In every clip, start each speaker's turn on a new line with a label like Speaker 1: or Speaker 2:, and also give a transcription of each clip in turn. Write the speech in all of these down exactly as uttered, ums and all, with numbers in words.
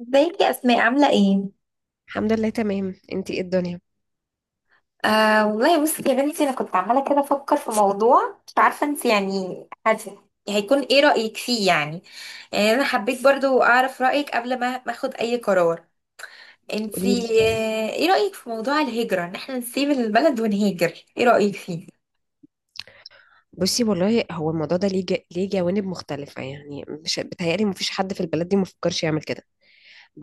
Speaker 1: ازيك يا اسماء، عامله ايه؟
Speaker 2: الحمد لله، تمام. انتي ايه الدنيا؟
Speaker 1: آه والله بصي يا بنتي، انا كنت عماله كده افكر في موضوع، مش عارفه انت يعني. هت- هيكون ايه رايك فيه يعني؟ يعني انا حبيت برضو اعرف رايك قبل ما ما اخد اي قرار. انت آه
Speaker 2: قوليلي.
Speaker 1: ايه رايك في موضوع الهجره، ان احنا نسيب البلد ونهاجر؟ ايه رايك فيه؟
Speaker 2: بصي والله هو الموضوع ده ليه جا... ليه جوانب مختلفة. يعني مش بتهيألي مفيش حد في البلد دي مفكرش يعمل كده،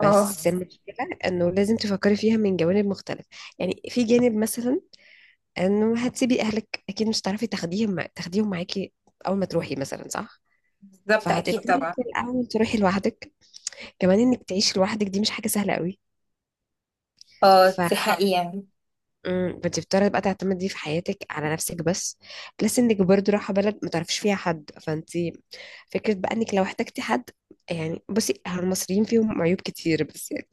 Speaker 1: اه،
Speaker 2: المشكلة انه لازم تفكري فيها من جوانب مختلفة. يعني في جانب مثلا انه هتسيبي اهلك، اكيد مش هتعرفي تاخديهم مع... تاخديهم معاكي اول ما تروحي مثلا، صح؟
Speaker 1: بالظبط، اكيد
Speaker 2: فهتضطري
Speaker 1: طبعا.
Speaker 2: في الاول تروحي لوحدك، كمان انك تعيشي لوحدك دي مش حاجة سهلة قوي.
Speaker 1: اه، دي حقيقه.
Speaker 2: امم بتضطري بقى تعتمدي في حياتك على نفسك بس. بلس انك برضو رايحه بلد ما تعرفيش فيها حد، فانت فكره بقى انك لو احتجتي حد. يعني بصي، هو المصريين فيهم عيوب كتير، بس يعني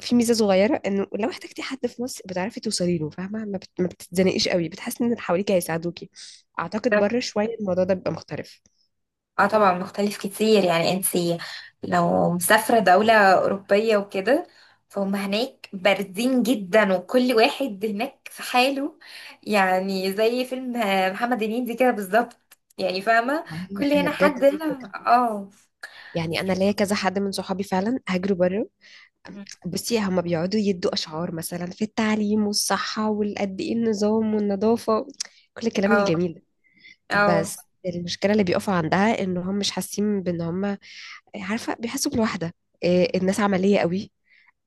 Speaker 2: في ميزه صغيره، انه لو احتجتي حد في مصر بتعرفي توصلي له، فاهمه؟ ما, بت... ما بتتزنقيش قوي، بتحسي ان اللي حواليك هيساعدوكي. اعتقد بره شويه الموضوع ده بيبقى مختلف.
Speaker 1: اه، طبعا مختلف كتير. يعني انت لو مسافرة دولة أوروبية وكده، فهم هناك باردين جدا، وكل واحد هناك في حاله. يعني زي فيلم محمد هنيدي كده بالظبط، يعني فاهمة؟
Speaker 2: ما
Speaker 1: كل
Speaker 2: هي هي
Speaker 1: هنا حد
Speaker 2: بجد دي
Speaker 1: هنا،
Speaker 2: الفكره.
Speaker 1: اه،
Speaker 2: يعني انا ليا كذا حد من صحابي فعلا هاجروا بره. بصي هما بيقعدوا يدوا أشعار مثلا في التعليم والصحة والقد إيه، النظام والنظافة، كل الكلام
Speaker 1: اه،
Speaker 2: الجميل ده.
Speaker 1: اه،
Speaker 2: بس المشكلة اللي بيقفوا عندها إن هم مش حاسين بإن هم، عارفة، بيحسوا بالوحدة. إيه، الناس عملية قوي.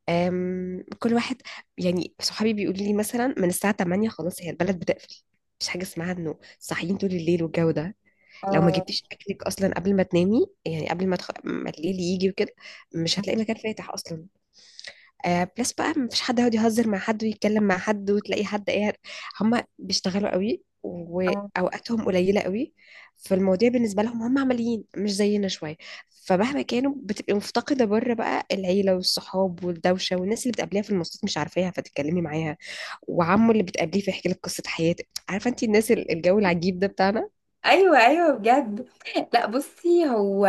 Speaker 2: أم، كل واحد، يعني صحابي بيقولوا لي مثلا من الساعة تمانية خلاص هي البلد بتقفل. مفيش حاجة اسمها إنه صاحيين طول الليل والجو ده. لو ما
Speaker 1: اه،
Speaker 2: جبتيش أكلك أصلا قبل ما تنامي، يعني قبل ما, تخ... ما الليل يجي وكده مش هتلاقي مكان فاتح أصلا. آه، بلس بقى مفيش حد يقعد يهزر مع حد ويتكلم مع حد وتلاقي حد ايه. هم بيشتغلوا قوي
Speaker 1: اه،
Speaker 2: واوقاتهم قليله قوي. فالمواضيع بالنسبه لهم هم عمليين، مش زينا شويه. فمهما كانوا بتبقي مفتقده بره بقى العيله والصحاب والدوشه والناس اللي بتقابليها في المواصلات مش عارفاها فتتكلمي معاها، وعمه اللي بتقابليه فيحكي لك قصه حياته، عارفه انت الناس ال- الجو العجيب ده بتاعنا.
Speaker 1: ايوه، ايوه بجد. لا بصي، هو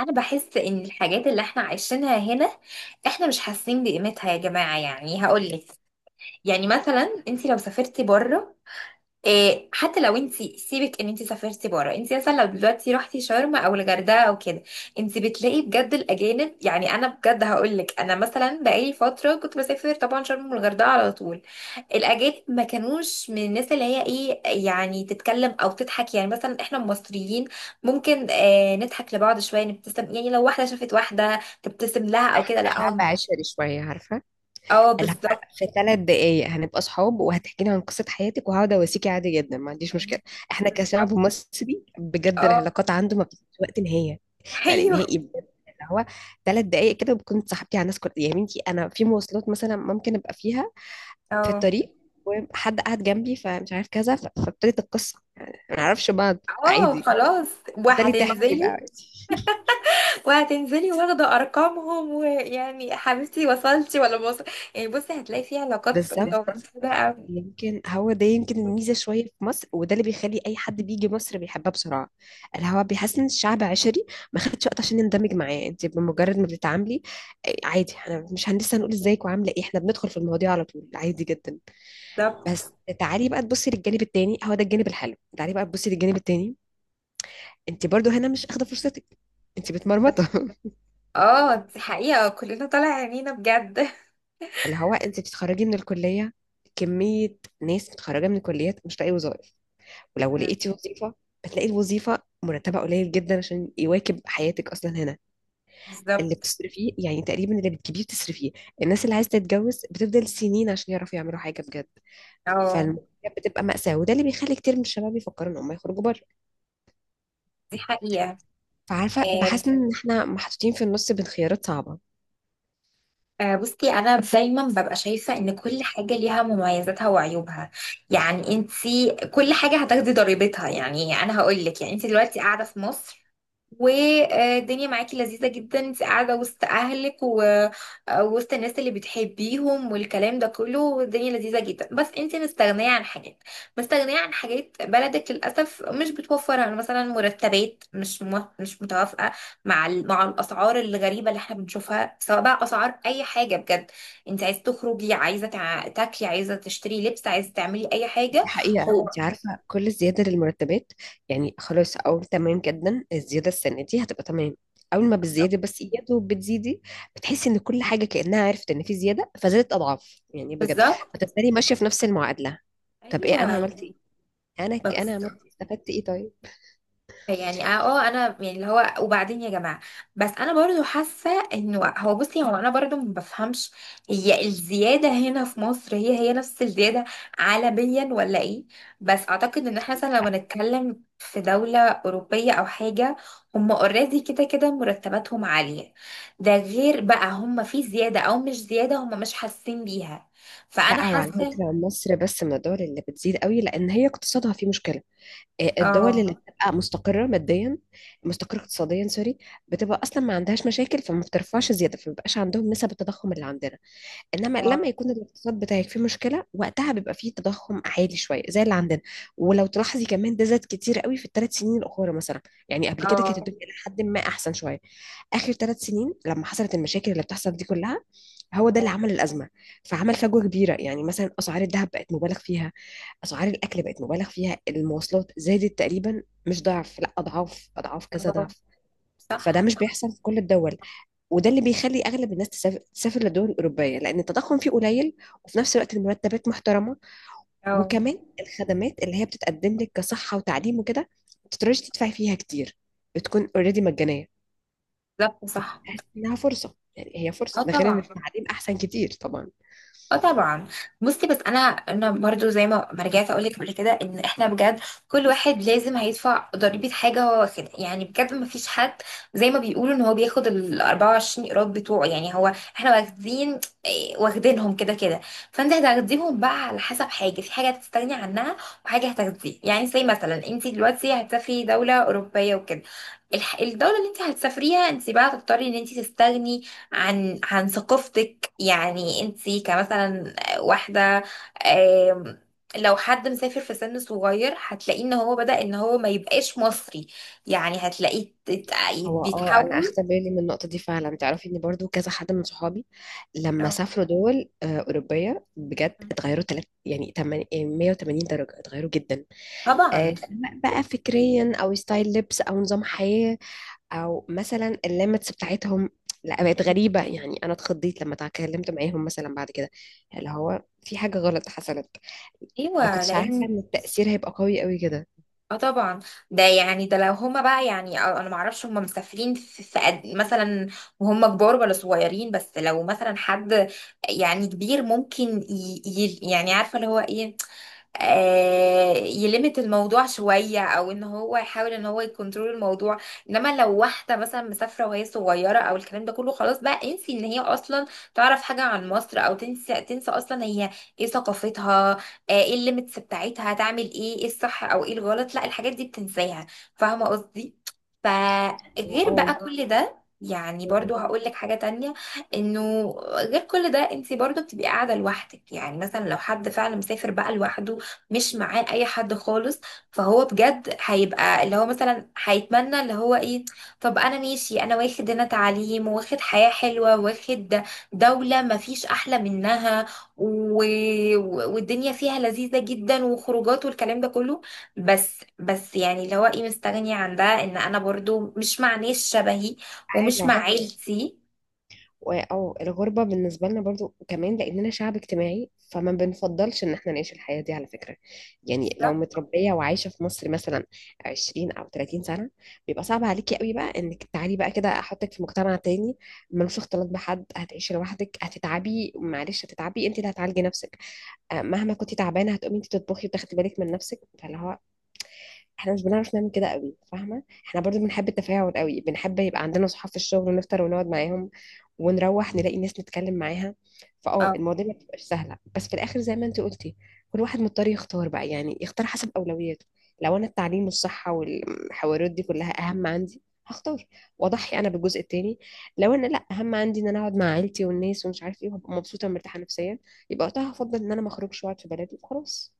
Speaker 1: انا بحس ان الحاجات اللي احنا عايشينها هنا، احنا مش حاسين بقيمتها يا جماعه. يعني هقولك، يعني مثلا انت لو سافرتي بره. إيه، حتى لو انت سيبك ان انت سافرتي بره، انت مثلا لو دلوقتي رحتي شرم او الغردقه او كده، انت بتلاقي بجد الاجانب. يعني انا بجد هقول لك، انا مثلا بقالي فتره كنت بسافر طبعا شرم والغردقه على طول. الاجانب ما كانوش من الناس اللي هي ايه، يعني تتكلم او تضحك. يعني مثلا احنا المصريين ممكن آه نضحك لبعض شويه، نبتسم، يعني لو واحده شافت واحده تبتسم لها او كده.
Speaker 2: احنا
Speaker 1: لا
Speaker 2: شعب
Speaker 1: هم.
Speaker 2: عشري شويه، عارفه،
Speaker 1: اه،
Speaker 2: اللي هو
Speaker 1: بالظبط.
Speaker 2: في ثلاث دقايق هنبقى صحاب وهتحكي لي عن قصة حياتك وهقعد اواسيكي عادي جدا، ما عنديش مشكلة. احنا كشعب
Speaker 1: بالظبط،
Speaker 2: مصري بجد
Speaker 1: اه.
Speaker 2: العلاقات عنده ما بتبقاش وقت نهاية. يعني
Speaker 1: ايوه.
Speaker 2: نهائي بجد اللي هو ثلاث دقايق كده بكون صاحبتي على الناس. كل يا بنتي انا في مواصلات مثلا ممكن ابقى فيها في
Speaker 1: اه،
Speaker 2: الطريق وحد قاعد جنبي فمش عارف كذا، ف- فابتدت القصة، يعني ما نعرفش بعض
Speaker 1: اه،
Speaker 2: عادي.
Speaker 1: خلاص.
Speaker 2: بالتالي تحكي بقى
Speaker 1: وهتنزلي.
Speaker 2: عادي.
Speaker 1: وهتنزلي واخدة ارقامهم، ويعني يا حبيبتي، وصلتي ولا ما وصل. يعني بصي، هتلاقي في علاقات
Speaker 2: بالظبط.
Speaker 1: متوازنة بقى.
Speaker 2: يمكن هو ده يمكن الميزة شوية في مصر، وده اللي بيخلي أي حد بيجي مصر بيحبها بسرعة. الهوا بيحس إن الشعب عشري، ما خدتش وقت عشان نندمج معاه. أنت بمجرد ما بتتعاملي، آه، عادي، احنا مش هنلسه هنقول ازيك وعاملة ايه، احنا بندخل في المواضيع على طول عادي جدا.
Speaker 1: بالظبط.
Speaker 2: بس تعالي بقى تبصي للجانب التاني، هو ده الجانب الحلو. تعالي بقى تبصي للجانب التاني، أنت برضو هنا مش أخدة فرصتك. أنت متمرمطة.
Speaker 1: اه، دي حقيقة، كلنا طالع عينينا بجد.
Speaker 2: اللي هو أنت بتتخرجي من الكلية، كمية ناس متخرجة من الكليات مش لاقي وظائف. ولو
Speaker 1: مم.
Speaker 2: لقيتي وظيفة، بتلاقي الوظيفة مرتبها قليل جدا عشان يواكب حياتك أصلا هنا. اللي
Speaker 1: بالظبط.
Speaker 2: بتصرفيه يعني تقريبا اللي بتجيبيه بتصرفيه. الناس اللي عايزة تتجوز بتفضل سنين عشان يعرفوا يعملوا حاجة بجد.
Speaker 1: اه،
Speaker 2: فالموضوع بتبقى مأساة، وده اللي بيخلي كتير من الشباب يفكروا إن هم يخرجوا بره.
Speaker 1: دي حقيقة.
Speaker 2: فعارفة
Speaker 1: آه
Speaker 2: بحس إن إحنا محطوطين في النص بين خيارات صعبة.
Speaker 1: آه، بصي، انا دايما ببقى شايفة ان كل حاجة ليها مميزاتها وعيوبها. يعني انتي كل حاجة هتاخدي ضريبتها. يعني انا هقول لك، يعني انتي دلوقتي قاعدة في مصر والدنيا معاكي لذيذة جدا، انت قاعدة وسط اهلك و- ووسط الناس اللي بتحبيهم والكلام ده كله. الدنيا لذيذة جدا، بس انت مستغنية عن حاجات. مستغنية عن حاجات بلدك للأسف مش بتوفرها، مثلا مرتبات مش مو- مش متوافقة مع ال- مع الأسعار الغريبة اللي احنا بنشوفها، سواء بقى أسعار أي حاجة بجد. انت عايزة تخرجي، عايزة تع- تاكلي، عايزة تشتري لبس، عايزة تعملي أي حاجة.
Speaker 2: الحقيقة
Speaker 1: مش هو حوار.
Speaker 2: انت عارفة كل زيادة للمرتبات، يعني خلاص او تمام جدا الزيادة السنة دي هتبقى تمام، اول ما بالزيادة بس يا دوب بتزيدي بتحسي ان كل حاجة كأنها عرفت ان في زيادة فزادت اضعاف، يعني بجد
Speaker 1: بالظبط.
Speaker 2: بتبتدي ماشية في نفس المعادلة. طب
Speaker 1: ايوه.
Speaker 2: ايه انا عملت ايه، انا ك-
Speaker 1: بس
Speaker 2: انا عملت إيه؟ استفدت ايه طيب؟
Speaker 1: يعني اه آه، انا يعني اللي هو، وبعدين يا جماعه. بس انا برضو حاسه انه هو، بصي هو انا برضو ما بفهمش. هي الزياده هنا في مصر هي هي نفس الزياده عالميا ولا ايه؟ بس اعتقد ان احنا مثلا لو هنتكلم في دوله اوروبيه او حاجه، هم اوريدي كده كده مرتباتهم عاليه. ده غير بقى هم في زياده او مش زياده هم مش حاسين بيها. فانا
Speaker 2: لا، هو على
Speaker 1: حاسه.
Speaker 2: فكرة مصر بس من الدول اللي بتزيد قوي لان هي اقتصادها فيه مشكلة. آه، الدول اللي
Speaker 1: اه،
Speaker 2: بتبقى مستقرة ماديا، مستقرة اقتصاديا، سوري، بتبقى أصلا ما عندهاش مشاكل فما بترفعش زيادة، فما بيبقاش عندهم نسب التضخم اللي عندنا. إنما
Speaker 1: اه،
Speaker 2: لما يكون الاقتصاد بتاعك فيه مشكلة وقتها بيبقى فيه تضخم عالي شوية زي اللي عندنا. ولو تلاحظي كمان ده زاد كتير قوي في الثلاث سنين الأخرى مثلا. يعني قبل كده كانت
Speaker 1: اه،
Speaker 2: الدنيا لحد ما أحسن شوية. آخر ثلاث سنين لما حصلت المشاكل اللي بتحصل دي كلها، هو ده
Speaker 1: آه،
Speaker 2: اللي عمل الأزمة. فعمل فجوة كبيرة. يعني مثلا أسعار الذهب بقت مبالغ فيها، اسعار الاكل بقت مبالغ فيها، المواصلات زادت تقريبا مش ضعف، لا اضعاف اضعاف كذا
Speaker 1: آه،
Speaker 2: ضعف. فده
Speaker 1: صح.
Speaker 2: مش بيحصل في كل الدول، وده اللي بيخلي اغلب الناس تسافر, تسافر للدول الاوروبيه لان التضخم فيه قليل، وفي نفس الوقت المرتبات محترمه.
Speaker 1: اه،
Speaker 2: وكمان الخدمات اللي هي بتتقدم لك كصحه وتعليم وكده ما تقدريش تدفعي فيها كتير، بتكون اوريدي مجانيه،
Speaker 1: بالظبط، صح.
Speaker 2: تحس انها فرصه، يعني هي فرصه.
Speaker 1: اه،
Speaker 2: ده غير ان
Speaker 1: طبعا.
Speaker 2: التعليم احسن كتير طبعا.
Speaker 1: اه، طبعا. بصي بس انا انا برضو زي ما ما رجعت اقول لك قبل كده، ان احنا بجد كل واحد لازم هيدفع ضريبه حاجه هو واخدها. يعني بجد ما فيش حد زي ما بيقولوا ان هو بياخد ال أربعة وعشرين قيراط بتوعه. يعني هو احنا واخدين إيه، واخدينهم كده كده. فانت هتاخديهم بقى على حسب، حاجه في حاجه هتستغني عنها وحاجه هتاخديها. يعني زي مثلا انت دلوقتي هتسافري دوله اوروبيه وكده، الح- الدوله اللي انت هتسافريها، انت بقى هتضطري ان انت تستغني عن عن ثقافتك. يعني انتي كمثلا واحدة. آم، لو حد مسافر في سن صغير، هتلاقيه ان هو بدأ ان هو ما يبقاش مصري. يعني هتلاقيه تت-
Speaker 2: هو اه، انا
Speaker 1: بيتحول.
Speaker 2: اخدت بالي من النقطه دي فعلا. تعرفي ان برضو كذا حد من صحابي لما
Speaker 1: اه.
Speaker 2: سافروا دول آه، اوروبيه بجد اتغيروا تلات، يعني تمن- آه، مية وتمانين درجه، اتغيروا جدا.
Speaker 1: طبعا.
Speaker 2: آه، سواء بقى فكريا او ستايل لبس او نظام حياه، او مثلا الليمتس بتاعتهم لا بقت غريبه. يعني انا اتخضيت لما اتكلمت معاهم مثلا بعد كده، اللي هو في حاجه غلط حصلت. ما
Speaker 1: ايوه
Speaker 2: كنتش عارفه
Speaker 1: لان.
Speaker 2: ان التاثير هيبقى قوي قوي كده.
Speaker 1: اه، طبعا. ده يعني ده لو هما بقى يعني، اه انا ما اعرفش هما مسافرين في, في قد إيه مثلا، وهم كبار ولا صغيرين. بس لو مثلا حد يعني كبير، ممكن ي... ي... يعني عارفه اللي هو ايه، آه، يلمت الموضوع شوية، او ان هو يحاول ان هو يكنترول الموضوع. انما لو واحدة مثلا مسافرة وهي صغيرة او الكلام ده كله، خلاص بقى انسي ان هي اصلا تعرف حاجة عن مصر، او تنسى، تنسى اصلا هي ايه ثقافتها، آه، ايه الليميتس بتاعتها، هتعمل ايه، ايه الصح او ايه الغلط. لا، الحاجات دي بتنساها. فاهمة قصدي؟ فغير
Speaker 2: اه.
Speaker 1: بقى كل ده، يعني
Speaker 2: آه.
Speaker 1: برضو هقول لك حاجة تانية. انه غير كل ده، انت برضو بتبقي قاعدة لوحدك. يعني مثلا لو حد فعلا مسافر بقى لوحده مش معاه اي حد خالص، فهو بجد هيبقى اللي هو مثلا هيتمنى اللي هو ايه. طب انا ماشي، انا واخد هنا تعليم، واخد حياة حلوة، واخد دولة ما فيش احلى منها، و... و- والدنيا فيها لذيذة جدا، وخروجات والكلام ده كله. بس بس يعني اللي هو ايه، مستغني عن ده، ان انا برضو مش مع ناس شبهي
Speaker 2: عادي.
Speaker 1: ومش مع عيلتي.
Speaker 2: و- او الغربة بالنسبة لنا برضو كمان لأننا شعب اجتماعي فما بنفضلش إن احنا نعيش الحياة دي على فكرة. يعني لو
Speaker 1: بالظبط.
Speaker 2: متربية وعايشة في مصر مثلا عشرين أو تلاتين سنة بيبقى صعب عليكي قوي بقى إنك تعالي بقى كده أحطك في مجتمع تاني ملوش اختلاط بحد، هتعيشي لوحدك، هتتعبي، معلش هتتعبي، أنت اللي هتعالجي نفسك. آه، مهما كنتي تعبانة هتقومي أنت تطبخي وتاخدي بالك من نفسك، فاللي هو احنا مش بنعرف نعمل كده قوي، فاهمه؟ احنا برضو بنحب التفاعل قوي، بنحب يبقى عندنا صحاب في الشغل ونفطر ونقعد معاهم ونروح نلاقي ناس نتكلم معاها. فاه المواضيع ما بتبقاش سهله، بس في الاخر زي ما انت قلتي كل واحد مضطر يختار بقى، يعني يختار حسب اولوياته. لو انا التعليم والصحه والحوارات دي كلها اهم عندي هختار، واضحي انا بالجزء التاني. لو انا لا، اهم عندي ان انا اقعد مع عيلتي والناس ومش عارف ايه وابقى مبسوطه ومرتاحه نفسيا، يبقى وقتها هفضل ان انا ما اخرجش واقعد في بلدي وخلاص.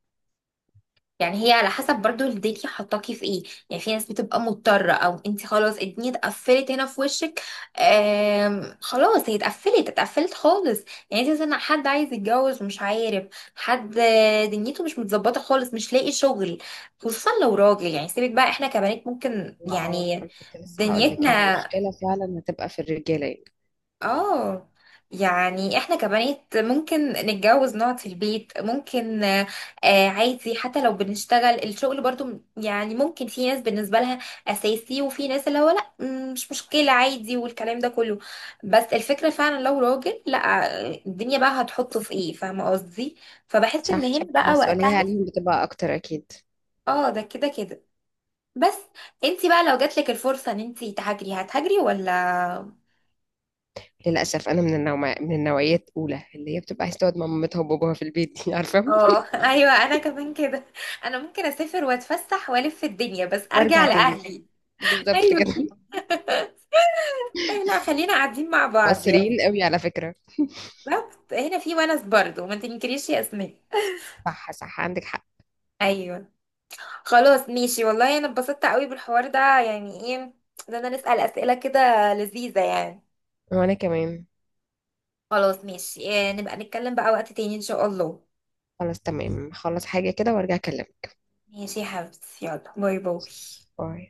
Speaker 1: يعني هي على حسب برضو الدنيا حطاكي في ايه. يعني في ناس بتبقى مضطرة، او انت خلاص الدنيا اتقفلت هنا في وشك. آم خلاص هي اتقفلت، اتقفلت خالص. يعني انت مثلا حد عايز يتجوز ومش عارف، حد آه، دنيته مش متظبطة خالص، مش لاقي شغل، خصوصا لو راجل. يعني سيبك بقى، احنا كبنات ممكن
Speaker 2: هو اه،
Speaker 1: يعني
Speaker 2: انا كنت لسه هقول لك يعني
Speaker 1: دنيتنا.
Speaker 2: المشكله فعلا هتبقى في الرجاله يعني.
Speaker 1: اه، يعني احنا كبنات ممكن نتجوز نقعد في البيت ممكن آه، آه، عادي. حتى لو بنشتغل الشغل برضو م- يعني ممكن في ناس بالنسبة لها أساسي، وفي ناس اللي هو لا، م- مش مشكلة عادي والكلام ده كله. بس الفكرة فعلا لو راجل، لا، آه، الدنيا بقى هتحطه في ايه، فاهمة قصدي؟ فبحس ان
Speaker 2: صح،
Speaker 1: هنا بقى
Speaker 2: المسؤوليه
Speaker 1: وقتها.
Speaker 2: عليهم بتبقى اكتر اكيد.
Speaker 1: اه، ده كده كده. بس. انتي بقى لو جاتلك الفرصة ان انتي تهاجري، هتهاجري ولا؟
Speaker 2: للاسف انا من النوع، من النوعيه الاولى اللي هي بتبقى عايزه تقعد مع مامتها وباباها في البيت دي. عارفه،
Speaker 1: اه، ايوه، انا كمان كده. انا ممكن اسافر واتفسح والف في الدنيا، بس ارجع
Speaker 2: وارجع تاني،
Speaker 1: لاهلي.
Speaker 2: بالظبط
Speaker 1: ايوه.
Speaker 2: كده.
Speaker 1: لا، خلينا قاعدين مع بعض يعني.
Speaker 2: مصريين قوي على فكره.
Speaker 1: بالظبط، هنا في ونس برضه، ما تنكريش يا اسماء.
Speaker 2: صح صح، عندك حق.
Speaker 1: ايوه. خلاص ماشي، والله انا اتبسطت قوي بالحوار ده. يعني ايه، ده انا نسأل اسئله كده لذيذه يعني.
Speaker 2: وانا كمان.
Speaker 1: خلاص ماشي، إيه، نبقى نتكلم بقى وقت تاني ان شاء الله.
Speaker 2: خلاص تمام، خلص حاجه كده وارجع اكلمك.
Speaker 1: ماشي يا حبيبتي، يلا باي باي.
Speaker 2: باي.